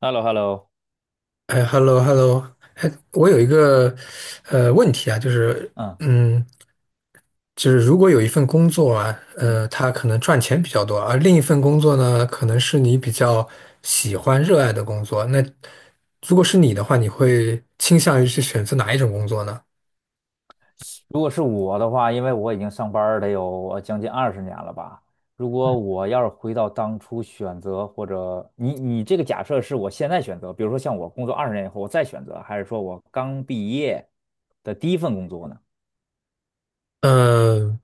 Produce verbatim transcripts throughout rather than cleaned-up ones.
h e l l o h e l l o。 哎，hello，hello，哎，我有一个呃问题啊，就是嗯嗯，就是如果有一份工作啊，嗯，呃，它可能赚钱比较多，而另一份工作呢，可能是你比较喜欢、热爱的工作，那如果是你的话，你会倾向于去选择哪一种工作呢？如果是我的话，因为我已经上班儿得有呃将近二十年了吧。如果我要是回到当初选择，或者你你这个假设是我现在选择，比如说像我工作二十年以后我再选择，还是说我刚毕业的第一份工作呢？嗯，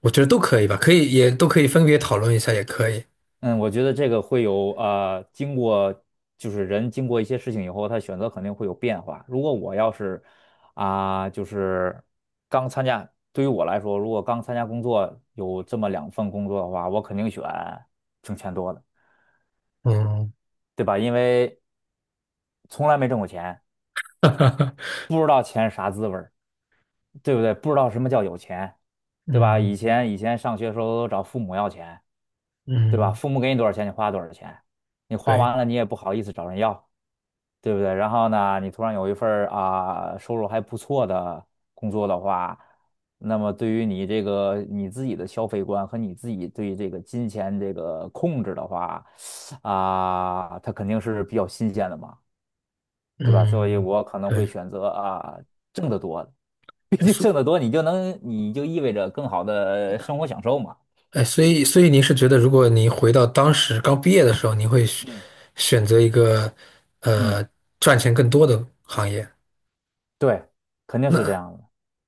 我觉得都可以吧，可以也都可以分别讨论一下，也可以。嗯，我觉得这个会有呃，经过就是人经过一些事情以后，他选择肯定会有变化。如果我要是啊、就是刚参加，对于我来说，如果刚参加工作有这么两份工作的话，我肯定选挣钱多的，嗯，对吧？因为从来没挣过钱，不知道钱是啥滋味儿，对不对？不知道什么叫有钱，对吧？以嗯前以前上学的时候都找父母要钱，对吧？嗯，父母给你多少钱，你花多少钱，你花对，完了你也不好意思找人要。对不对？然后呢，你突然有一份儿啊收入还不错的工作的话，那么对于你这个你自己的消费观和你自己对这个金钱这个控制的话，啊，它肯定是比较新鲜的嘛，对吧？所以嗯我可能会对，选择啊挣得多的，毕竟挣所得多，你就能你就意味着更好的生活享受嘛。哎，所以所以您是觉得，如果您回到当时刚毕业的时候，您会选嗯选择一个嗯，呃赚钱更多的行业？对，肯定是这样的。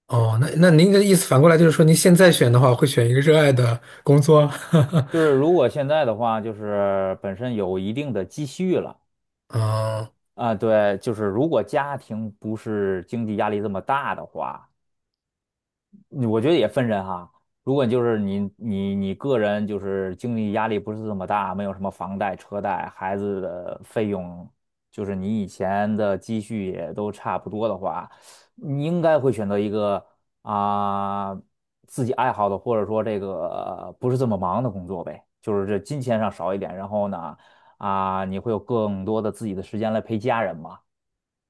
哦，那那您的意思反过来就是说，您现在选的话，会选一个热爱的工作？就是如果现在的话，就是本身有一定的积蓄了。哦，啊，对，就是如果家庭不是经济压力这么大的话，嗯我觉得也分人哈。如果就是你你你个人就是经济压力不是这么大，没有什么房贷、车贷、孩子的费用，就是你以前的积蓄也都差不多的话，你应该会选择一个啊、自己爱好的，或者说这个不是这么忙的工作呗，就是这金钱上少一点，然后呢啊、你会有更多的自己的时间来陪家人嘛。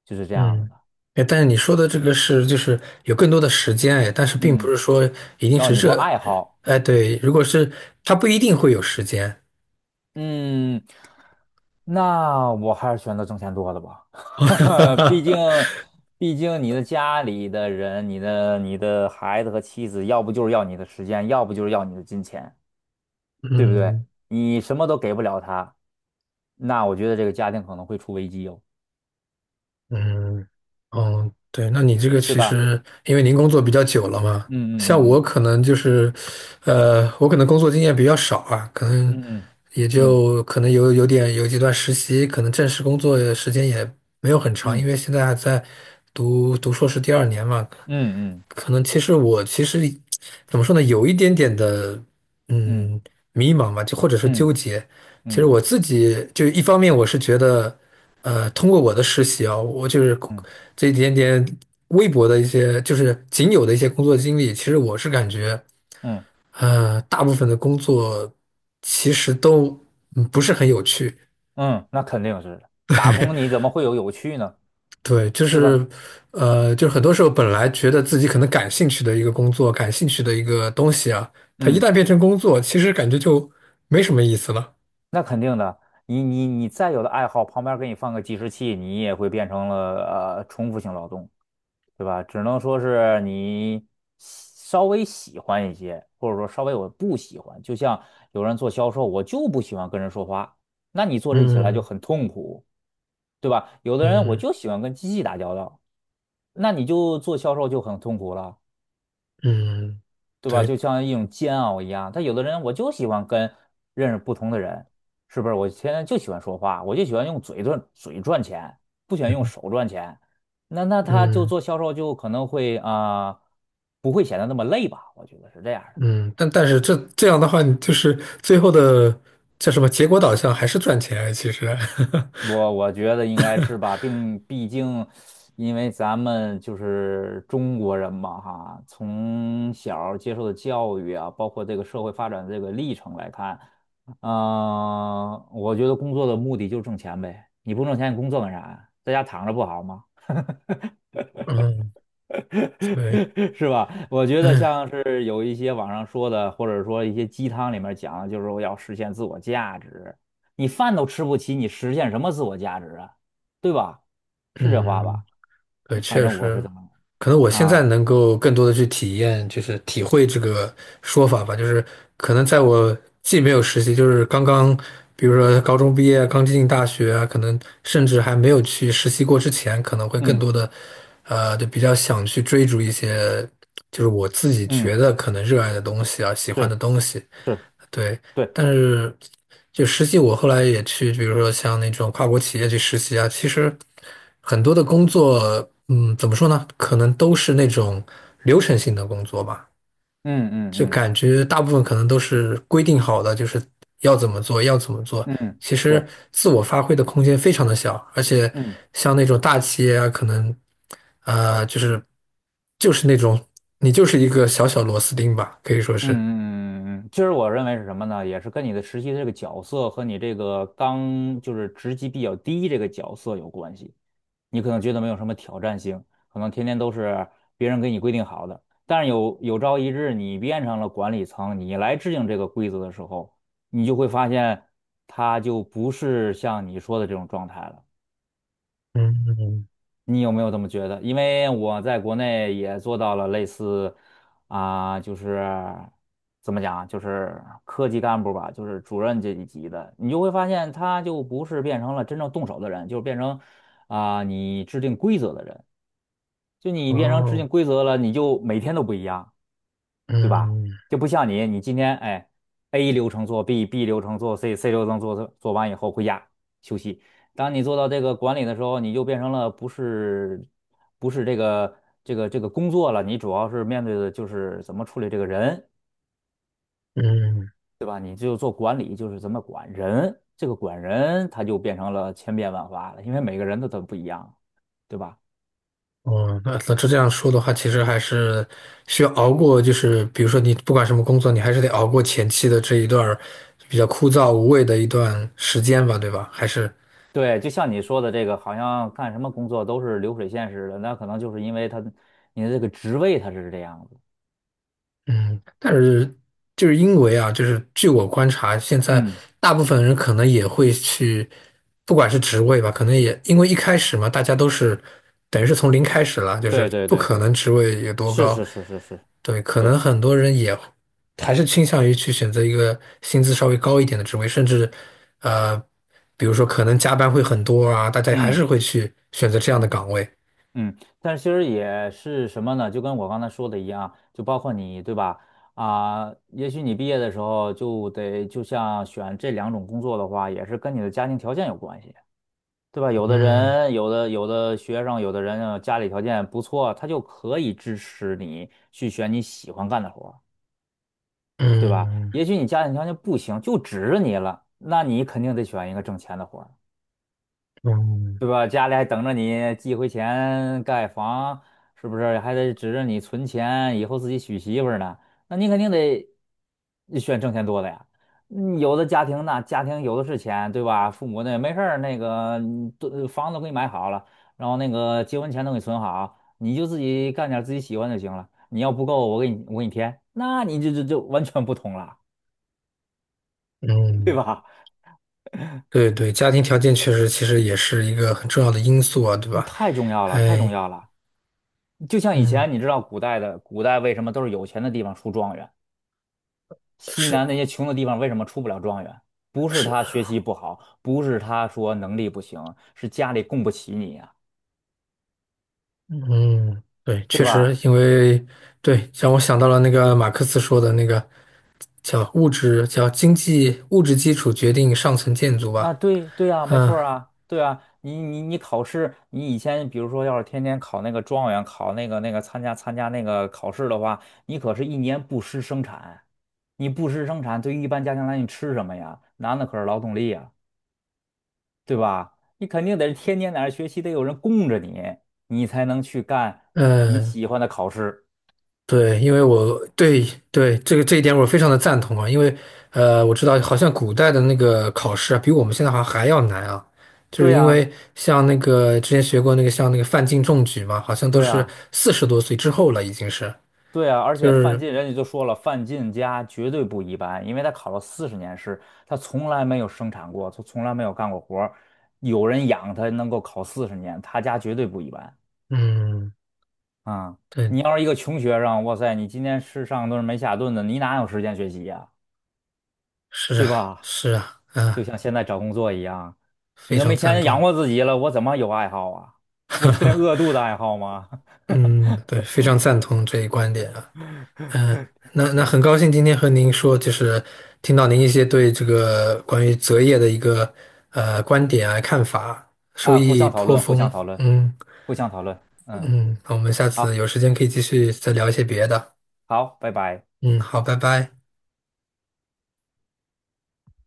就是这样子嗯，的。哎，但是你说的这个是就是有更多的时间，哎，但是并不嗯，是说一定那是你说这，爱好。哎，对，如果是他不一定会有时间，嗯，那我还是选择挣钱多的吧。毕竟，毕竟你的家里的人，你的你的孩子和妻子，要不就是要你的时间，要不就是要你的金钱，对不对？嗯。你什么都给不了他，那我觉得这个家庭可能会出危机哟，嗯，哦，对，那你这个对其吧？实，因为您工作比较久了嘛，嗯像嗯我嗯可能就是，呃，我可能工作经验比较少啊，可能嗯也嗯就可能有有点有几段实习，可能正式工作时间也没有很长，因嗯为现在还在读读硕士第二年嘛，嗯可能其实我其实怎么说呢，有一点点的嗯嗯嗯迷茫吧，就或者是纠嗯结。嗯其实嗯我自己就一方面我是觉得，呃，通过我的实习啊，我就是嗯嗯嗯。这一点点微薄的一些，就是仅有的一些工作经历，其实我是感觉，嗯呃，大部分的工作其实都嗯不是很有趣。嗯，那肯定是的，打工，你怎么会有有趣呢？对，就对是，吧？呃，就是很多时候本来觉得自己可能感兴趣的一个工作，感兴趣的一个东西啊，它一嗯，旦变成工作，其实感觉就没什么意思了。那肯定的。你你你再有的爱好，旁边给你放个计时器，你也会变成了呃重复性劳动，对吧？只能说是你喜稍微喜欢一些，或者说稍微我不喜欢。就像有人做销售，我就不喜欢跟人说话，那你做这起来就嗯很痛苦，对吧？有的人我嗯就喜欢跟机器打交道，那你就做销售就很痛苦了。嗯，对吧？对，就像一种煎熬一样。他有的人我就喜欢跟认识不同的人，是不是？我现在就喜欢说话，我就喜欢用嘴赚嘴赚钱，不喜欢用手赚钱。那那他就嗯做销售就可能会啊、不会显得那么累吧？我觉得是这样的。嗯，但但是这这样的话，你就是最后的叫什么结果导向还是赚钱啊，其实，我我觉得应该是吧，并毕竟，因为咱们就是中国人嘛，哈，从小儿接受的教育啊，包括这个社会发展这个历程来看，嗯、我觉得工作的目的就是挣钱呗。你不挣钱，你工作干啥呀？在家躺着不好吗？嗯，对，是吧？我觉得嗯像是有一些网上说的，或者说一些鸡汤里面讲，就是我要实现自我价值。你饭都吃不起，你实现什么自我价值啊？对吧？是这话嗯。吧？对，反确正我是实，这么可能我现在啊，能够更多的去体验，就是体会这个说法吧。就是可能在我既没有实习，就是刚刚，比如说高中毕业，刚进大学啊，可能甚至还没有去实习过之前，可能会更嗯多的，呃，就比较想去追逐一些，就是我自己嗯，觉得可能热爱的东西啊，喜欢的是东西。是，对，对，但是就实际，我后来也去，比如说像那种跨国企业去实习啊，其实很多的工作，嗯，怎么说呢？可能都是那种流程性的工作吧，嗯就嗯感觉大部分可能都是规定好的，就是要怎么做，要怎么做。嗯嗯，其实对，自我发挥的空间非常的小，而且嗯。像那种大企业啊，可能呃，就是就是那种你就是一个小小螺丝钉吧，可以说嗯是。嗯嗯嗯，嗯，嗯其实我认为是什么呢？也是跟你的实习的这个角色和你这个刚就是职级比较低这个角色有关系。你可能觉得没有什么挑战性，可能天天都是别人给你规定好的。但是有有朝一日你变成了管理层，你来制定这个规则的时候，你就会发现它就不是像你说的这种状态了。嗯，你有没有这么觉得？因为我在国内也做到了类似啊、就是怎么讲啊，就是科级干部吧，就是主任这一级的，你就会发现他就不是变成了真正动手的人，就是变成啊、你制定规则的人。就你变成制哦，定规则了，你就每天都不一样。对吧？嗯就不像你，你今天哎，A 流程做 B，B 流程做 C，C 流程做做完以后回家休息。当你做到这个管理的时候，你就变成了不是不是这个这个这个工作了，你主要是面对的就是怎么处理这个人，嗯，对吧？你就做管理，就是怎么管人，这个管人他就变成了千变万化了，因为每个人都都不一样，对吧？哦，那那这样说的话，其实还是需要熬过，就是比如说你不管什么工作，你还是得熬过前期的这一段儿比较枯燥无味的一段时间吧，对吧？还是，对，就像你说的这个，好像干什么工作都是流水线似的，那可能就是因为他你的这个职位他是这样子。嗯，但是就是因为啊，就是据我观察，现在嗯，大部分人可能也会去，不管是职位吧，可能也因为一开始嘛，大家都是等于是从零开始了，就是对对不对可对，能职位有多是高，是是是是，对，可对，能很多人也还是倾向于去选择一个薪资稍微高一点的职位，甚至呃，比如说可能加班会很多啊，大家还嗯是会去选择这样的嗯岗位。嗯，但是其实也是什么呢？就跟我刚才说的一样，就包括你，对吧？啊、也许你毕业的时候就得，就像选这两种工作的话，也是跟你的家庭条件有关系，对吧？有的嗯人，有的有的学生，有的人呃家里条件不错，他就可以支持你去选你喜欢干的活儿，对吧？嗯也许你家庭条件不行，就指着你了，那你肯定得选一个挣钱的活儿。嗯对吧？家里还等着你寄回钱盖房，是不是？还得指着你存钱，以后自己娶媳妇儿呢。那你肯定得选挣钱多的呀。嗯有的家庭那家庭有的是钱，对吧？父母那没事儿，那个嗯都房子都给你买好了，然后那个结婚钱都给你存好，你就自己干点自己喜欢就行了。你要不够，我给你我给你添，那你这这就完全不同了，对嗯。吧？对对，家庭条件确实其实也是一个很重要的因素啊，对嗯吧？太重要了，太重哎，要了。就像以嗯，前，你知道古代的古代为什么都是有钱的地方出状元？西是南那些穷的地方为什么出不了状元？不是是，他学习不好，不是他说能力不行，是家里供不起你呀、嗯，对，对确实，吧？因为对，让我想到了那个马克思说的那个叫物质，叫经济物质基础决定上层建筑啊，吧。对对啊，没错儿啊，啊，对啊，你你你考试，你以前比如说要是天天考那个状元，考那个那个参加参加那个考试的话，你可是一年不施生产，你不施生产，对于一般家庭来说，你吃什么呀？男的可是劳动力呀、对吧？你肯定得是天天在那儿学习，得有人供着你，你才能去干你嗯，喜欢的考试。对，因为我对对这个这一点我非常的赞同啊，因为呃，我知道好像古代的那个考试啊，比我们现在好像还要难啊，就对是因呀，为像那个之前学过那个像那个范进中举嘛，好像都对是呀，四十多岁之后了，已经是，对呀。而就且范是进人家就说了，范进家绝对不一般，因为他考了四十年试，他从来没有生产过，他从来没有干过活儿，有人养他能够考四十年，他家绝对不一般嗯，啊。对，你要是一个穷学生，哇塞，你今天吃上顿没下顿的，你哪有时间学习呀？是对啊，吧？是啊，就啊，像现在找工作一样，你非都常没赞钱养同，活自己了，我怎么有爱好啊？我天天饿肚子爱好吗？嗯，对，非常赞同这一观点啊。嗯，那那对，很高兴今天和您说，就是听到您一些对这个关于择业的一个呃观点啊看法，受啊，互益相讨颇论，互相丰。讨论，嗯互相讨论。嗯，嗯，那我们下次好，有时间可以继续再聊一些别的。好，拜拜。嗯，好，拜拜。